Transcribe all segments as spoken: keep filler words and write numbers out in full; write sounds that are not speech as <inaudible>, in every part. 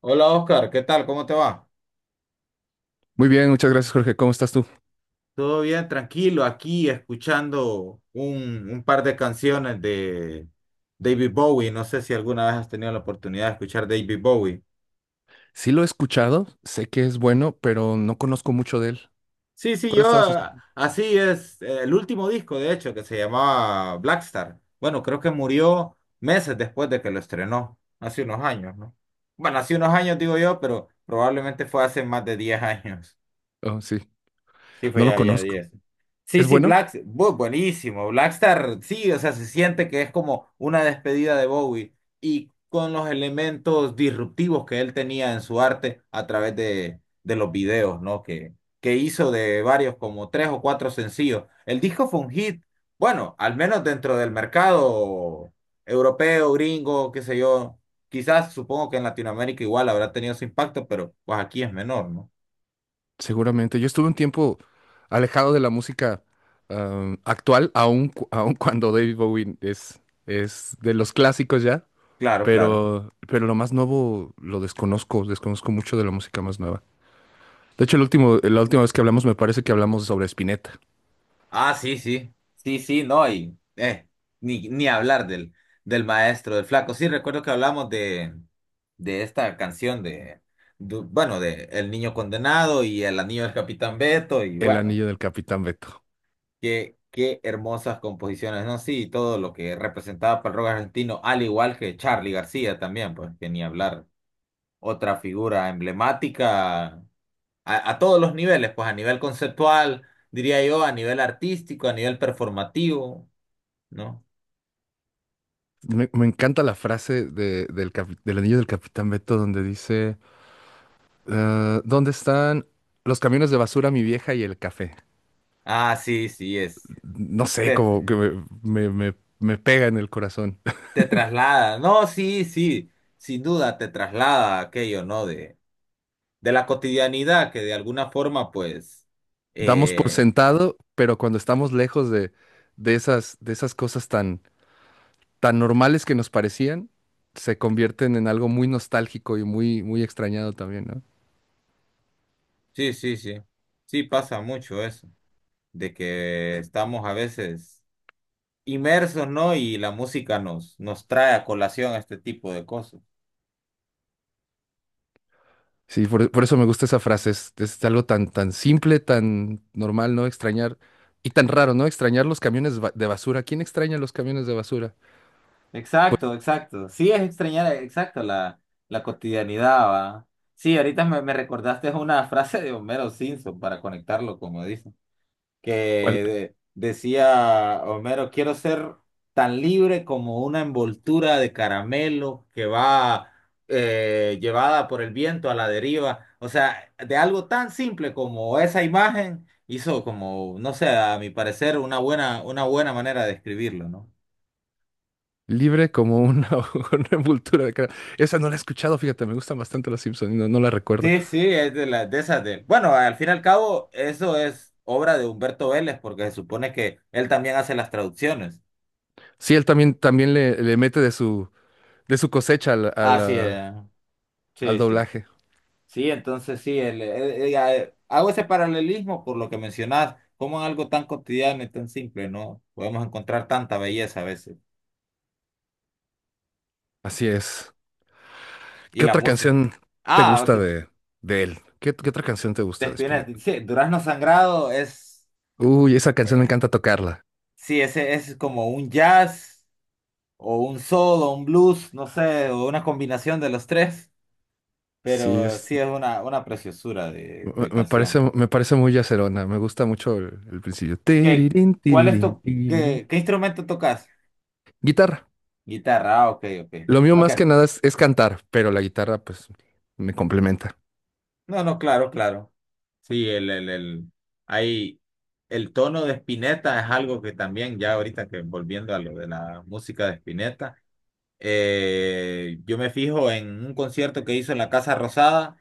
Hola Oscar, ¿qué tal? ¿Cómo te va? Muy bien, muchas gracias, Jorge. ¿Cómo estás tú? Todo bien, tranquilo, aquí escuchando un, un par de canciones de David Bowie. No sé si alguna vez has tenido la oportunidad de escuchar David Bowie. Sí lo he escuchado, sé que es bueno, pero no conozco mucho de él. Sí, sí, ¿Cuál yo estabas ah, escuchando? así es, eh, el último disco de hecho que se llamaba Blackstar. Bueno, creo que murió meses después de que lo estrenó, hace unos años, ¿no? Bueno, hace unos años digo yo, pero probablemente fue hace más de diez años. Oh, sí, Sí, fue no lo ya, ya conozco. diez Sí, ¿Es sí, bueno? Black, bu- buenísimo. Blackstar, sí, o sea, se siente que es como una despedida de Bowie y con los elementos disruptivos que él tenía en su arte a través de, de los videos, ¿no? Que, que hizo de varios, como tres o cuatro sencillos. El disco fue un hit, bueno, al menos dentro del mercado europeo, gringo, qué sé yo. Quizás supongo que en Latinoamérica igual habrá tenido su impacto, pero pues aquí es menor, ¿no? Seguramente. Yo estuve un tiempo alejado de la música am, actual, aun, cu- aun cuando David Bowie es, es de los clásicos ya, Claro, claro. pero, pero lo más nuevo lo desconozco, desconozco mucho de la música más nueva. De hecho, el último, la última vez que hablamos me parece que hablamos sobre Spinetta, Ah, sí, sí, sí, sí, no, y eh, ni, ni hablar del, del maestro, del flaco. Sí, recuerdo que hablamos de, de esta canción de, du- bueno, de El Niño Condenado y El Anillo del Capitán Beto, y El bueno, Anillo del Capitán Beto. qué, qué hermosas composiciones, ¿no? Sí, todo lo que representaba para el rock argentino, al igual que Charly García también, pues que ni hablar. Otra figura emblemática a, a todos los niveles, pues a nivel conceptual, diría yo, a nivel artístico, a nivel performativo. ¿No? Me, me encanta la frase de- del, capi- del anillo del Capitán Beto donde dice, eh, ¿dónde están los camiones de basura, mi vieja y el café? Ah, sí, sí, es. No sé, Te, como que me, me- me- me pega en el corazón. te traslada. No, sí, sí, sin duda te traslada a aquello, ¿no? De, de la cotidianidad que de alguna forma, pues, <laughs> Damos por eh, sentado, pero cuando estamos lejos de, de esas, de esas cosas tan, tan normales que nos parecían, se convierten en algo muy nostálgico y muy, muy extrañado también, ¿no? sí, sí, sí. Sí pasa mucho eso, de que estamos a veces inmersos, ¿no? Y la música nos, nos trae a colación este tipo de cosas. Sí, por, por eso me gusta esa frase. Es, es algo tan, tan simple, tan normal, ¿no? Extrañar. Y tan raro, ¿no? Extrañar los camiones ba- de basura. ¿Quién extraña los camiones de basura? Pues Exacto, exacto. Sí, es extrañar, exacto, la, la cotidianidad, ¿va? Sí, ahorita me, me recordaste una <laughs> frase de Homero Simpson para conectarlo, como dicen, que cual- de- decía Homero, quiero ser tan libre como una envoltura de caramelo que va, eh, llevada por el viento a la deriva. O sea, de algo tan simple como esa imagen hizo como, no sé, a mi parecer, una buena, una buena manera de escribirlo, ¿no? libre como una, <laughs> una envoltura de cara. Esa no la he escuchado, fíjate, me gustan bastante los Simpsons, y no, no la recuerdo. Sí, sí, es de las de esas de. Bueno, al fin y al cabo, eso es obra de Humberto Vélez, porque se supone que él también hace las traducciones. Sí, él también, también le, le mete de su, de su cosecha al, a Así la- es, al sí, sí. doblaje. Sí, entonces sí, el, el- el- eh, hago ese paralelismo por lo que mencionas, como en algo tan cotidiano y tan simple, ¿no? Podemos encontrar tanta belleza a veces. Así es. Y ¿Qué la otra música. canción te Ah, gusta ok. de, de él? ¿Qué, qué otra canción te De gusta de Spinetta. Spinetta? Sí, Durazno Sangrado es. Uy, esa canción me encanta tocarla. Sí, ese es como un jazz, o un soul, o un blues, no sé, o una combinación de los tres. Sí, Pero es. sí es una, una preciosura de, Me de me parece, canción. me parece muy yacerona, me gusta mucho el, el principio. ¿Qué, Tirirín, cuál es tirirín, tu, qué, tirirín. qué instrumento tocas? Guitarra. Guitarra, ah, ok, ok. Lo mío Ok. más que nada es, es cantar, pero la guitarra pues me complementa. No, no, claro, claro. Sí, el, el, el, hay, el tono de Spinetta es algo que también, ya ahorita que volviendo a lo de la música de Spinetta, eh, yo me fijo en un concierto que hizo en la Casa Rosada.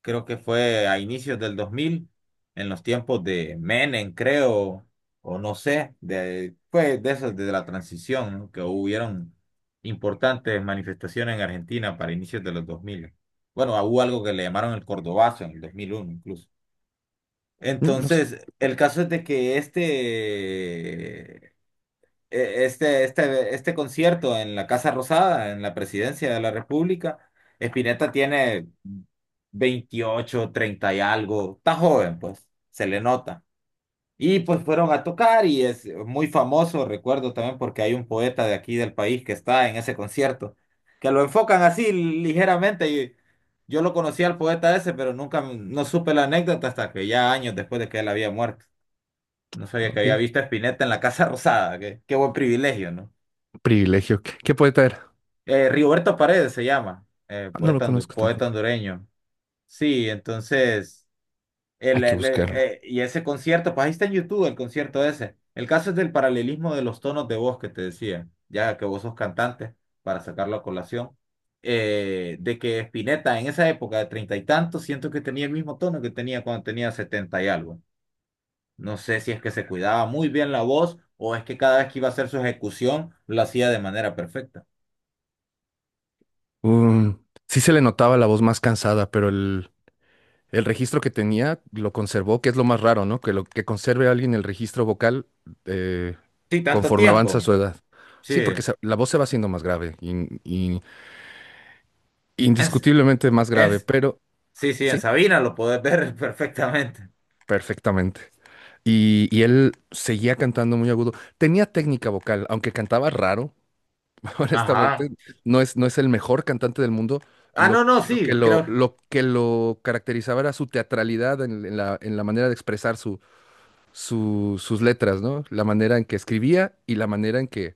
Creo que fue a inicios del dos mil, en los tiempos de Menem, creo, o no sé, de, pues de esas, de la transición, ¿no? Que hubieron importantes manifestaciones en Argentina para inicios de los dos mil. Bueno, hubo algo que le llamaron el Cordobazo en el dos mil uno incluso. Mm, no sé, Entonces, el caso es de que este eh, este, este, este concierto en la Casa Rosada, en la Presidencia de la República, Spinetta tiene veintiocho, treinta y algo, está joven, pues, se le nota. Y pues fueron a tocar y es muy famoso, recuerdo también porque hay un poeta de aquí del país que está en ese concierto, que lo enfocan así ligeramente, y yo lo conocí al poeta ese, pero nunca no supe la anécdota hasta que ya años después de que él había muerto. No sabía que había ok. visto a Spinetta en la Casa Rosada, qué, qué buen privilegio, ¿no? Privilegio. ¿Qué, qué poeta era? Eh, Rigoberto Paredes se llama, eh, Ah, no lo poeta, hondu- conozco poeta tampoco. hondureño. Sí, entonces, Hay el, que el- el- buscarlo. eh, y ese concierto, pues ahí está en YouTube el concierto ese. El caso es del paralelismo de los tonos de voz que te decía, ya que vos sos cantante, para sacarlo a colación, eh, de que Spinetta en esa época de treinta y tantos, siento que tenía el mismo tono que tenía cuando tenía setenta y algo. No sé si es que se cuidaba muy bien la voz o es que cada vez que iba a hacer su ejecución lo hacía de manera perfecta. Um, sí se le notaba la voz más cansada, pero el, el registro que tenía lo conservó, que es lo más raro, ¿no? Que lo que conserve a alguien el registro vocal eh, Sí, tanto conforme avanza tiempo. su edad. Sí. Sí, porque se- la voz se va haciendo más grave y, En S- indiscutiblemente más en grave, S- pero sí, sí, en sí, Sabina lo podés ver <laughs> perfectamente. perfectamente. Y, y él seguía cantando muy agudo. Tenía técnica vocal, aunque cantaba raro, <laughs> honestamente. Ajá. No es, no es el mejor cantante del mundo. Ah, no, Lo, no, lo que sí, lo, creo. lo que lo caracterizaba era su teatralidad en, en la, en la manera de expresar su, su- sus letras, ¿no? La manera en que escribía y la manera en que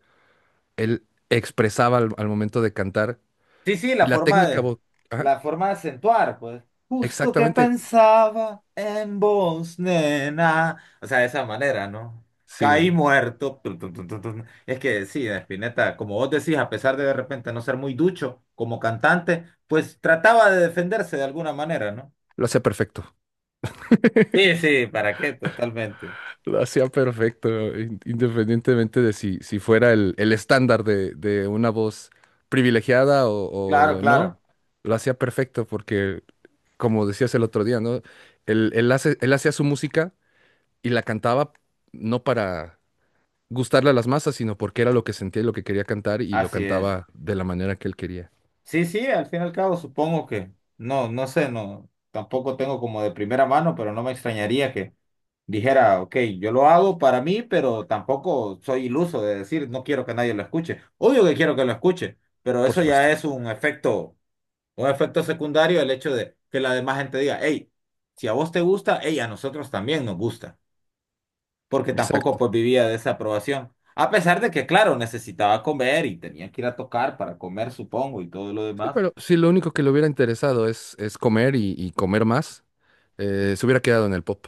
él expresaba al, al momento de cantar. Sí, sí, la Y la forma técnica de, vocal, la forma de acentuar, pues. Justo que exactamente, pensaba en vos, nena. O sea, de esa manera, ¿no? Caí sí, muerto. Tun, tun, tun, tun, tun. Es que sí, Spinetta, como vos decís, a pesar de de repente no ser muy ducho como cantante, pues trataba de defenderse de alguna manera, ¿no? lo hacía perfecto. Sí, sí, ¿para qué? Totalmente. Lo hacía perfecto, in- independientemente de si, si fuera el, el estándar de, de una voz privilegiada Claro, o, o no, claro. lo hacía perfecto porque, como decías el otro día, ¿no? Él, él hace- él hacía su música y la cantaba no para gustarle a las masas, sino porque era lo que sentía y lo que quería cantar y lo Así es. cantaba de la manera que él quería, Sí, sí, al fin y al cabo supongo que, no, no sé, no, tampoco tengo como de primera mano, pero no me extrañaría que dijera, ok, yo lo hago para mí, pero tampoco soy iluso de decir, no quiero que nadie lo escuche. Obvio que quiero que lo escuche, pero por eso ya supuesto. es un efecto, un efecto secundario, el hecho de que la demás gente diga, hey, si a vos te gusta, hey, a nosotros también nos gusta, porque tampoco Exacto. pues vivía de esa aprobación. A pesar de que, claro, necesitaba comer y tenía que ir a tocar para comer, supongo, y todo lo Sí, demás. pero si lo único que le hubiera interesado es, es comer y, y comer más, eh, se hubiera quedado en el pop.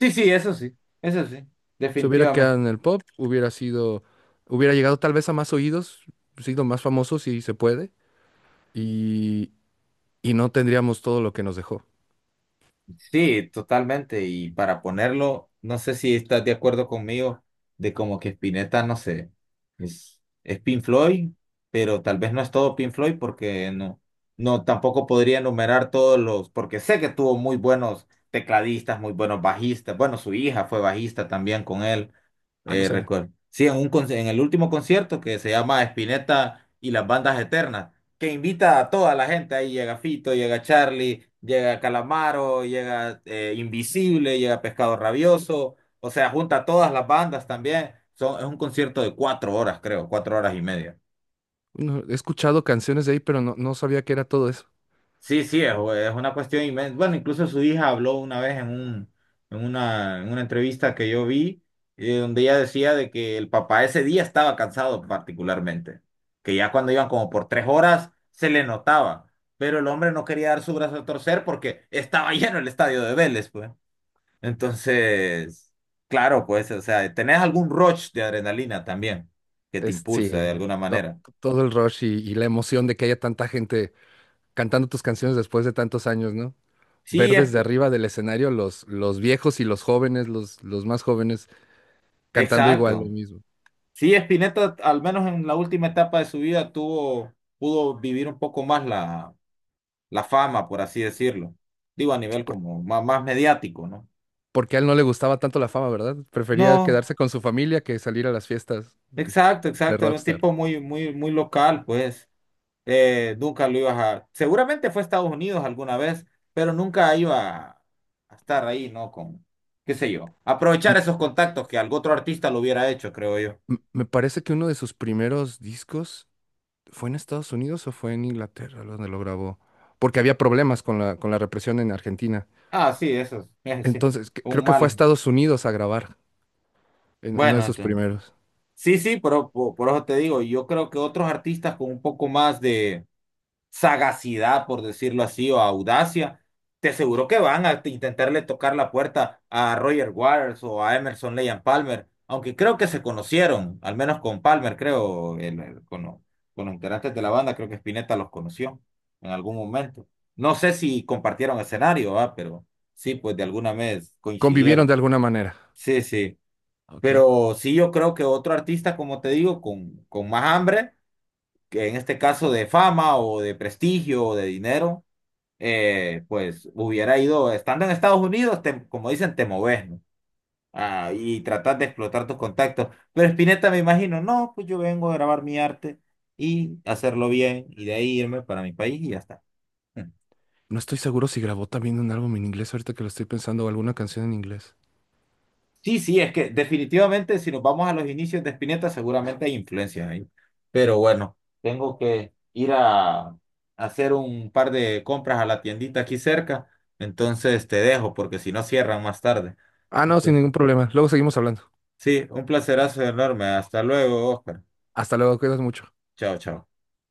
Sí, sí, eso sí, eso sí, Se hubiera definitivamente. quedado en el pop, hubiera sido, hubiera llegado tal vez a más oídos, sido más famoso si se puede, y, y no tendríamos todo lo que nos dejó. Sí, totalmente. Y para ponerlo, no sé si estás de acuerdo conmigo de como que Spinetta, no sé, es, es Pink Floyd, pero tal vez no es todo Pink Floyd porque no, no, tampoco podría enumerar todos los, porque sé que tuvo muy buenos tecladistas, muy buenos bajistas. Bueno, su hija fue bajista también con él. Ah, no Eh, sabía. Recuerdo. Sí, en, un, conci- en el último concierto que se llama Spinetta y las bandas eternas, que invita a toda la gente. Ahí llega Fito, llega Charlie, llega Calamaro, llega, eh, Invisible, llega Pescado Rabioso. O sea, junta a todas las bandas también. Son, es un concierto de cuatro horas, creo, cuatro horas y media. No, he escuchado canciones de ahí, pero no, no sabía que era todo eso. Sí, sí, es, es una cuestión inmensa. Bueno, incluso su hija habló una vez en un, en una, en una entrevista que yo vi, eh, donde ella decía de que el papá ese día estaba cansado particularmente, que ya cuando iban como por tres horas se le notaba, pero el hombre no quería dar su brazo a torcer porque estaba <laughs> lleno el estadio de Vélez, pues. Entonces, claro, pues, o sea, tenés algún rush de adrenalina también que te Es, sí, impulsa de alguna to- manera. todo el rush y, y la emoción de que haya tanta gente cantando tus canciones después de tantos años, ¿no? Sí, Ver es, desde arriba del escenario los, los viejos y los jóvenes, los, los más jóvenes, cantando igual lo exacto. mismo. Sí, Spinetta, al menos en la última etapa de su vida, tuvo, pudo vivir un poco más la, la fama, por así decirlo. Digo, a nivel como má- más, mediático, ¿no? Porque a él no le gustaba tanto la fama, ¿verdad? Prefería No, quedarse con su familia que salir a las fiestas exacto, de exacto. Era un rockstar. tipo muy, muy, muy local, pues. Eh, nunca lo ibas a. Seguramente fue a Estados Unidos alguna vez, pero nunca iba a estar ahí, ¿no? Con, qué sé yo. Aprovechar M- esos contactos que algún otro artista lo hubiera hecho, creo yo. m- me parece que uno de sus primeros discos fue en Estados Unidos o fue en Inglaterra donde lo grabó, porque había problemas con la, con la represión en Argentina. Ah, sí, eso es, <laughs> sí, Entonces, cre- un creo que fue a mal. Estados Unidos a grabar en uno de Bueno, sus entonces. primeros. Sí, sí, pero po- por, eso te digo, yo creo que otros artistas con un poco más de sagacidad, por decirlo así, o audacia, te aseguro que van a t- intentarle tocar la puerta a Roger Waters o a Emerson Leigh Palmer, aunque creo que se conocieron, al menos con Palmer, creo, el- el- con, lo- con los integrantes de la banda, creo que Spinetta los conoció en algún momento. No sé si compartieron escenario, ah, pero sí, pues de alguna vez Convivieron coincidieron. de alguna manera, Sí, sí. ¿ok? Pero sí yo creo que otro artista, como te digo, con, con más hambre, que en este caso de fama o de prestigio o de dinero, eh, pues hubiera ido, estando en Estados Unidos, te- como dicen, te moves, ¿no? Ah, y tratar de explotar tus contactos. Pero Spinetta me imagino, no, pues yo vengo a grabar mi arte y hacerlo bien y de ahí irme para mi país y ya está. No estoy seguro si grabó también un álbum en inglés ahorita que lo estoy pensando o alguna canción en inglés. Sí, sí, es que definitivamente si nos vamos a los inicios de Spinetta seguramente hay influencia ahí. Pero bueno, tengo que ir a hacer un par de compras a la tiendita aquí cerca. Entonces te dejo porque si no cierran más tarde. Ah, no, sin Entonces, ningún problema. Luego seguimos hablando. sí, un placerazo enorme. Hasta luego, Oscar. Hasta luego, cuidas mucho. Chao, chao.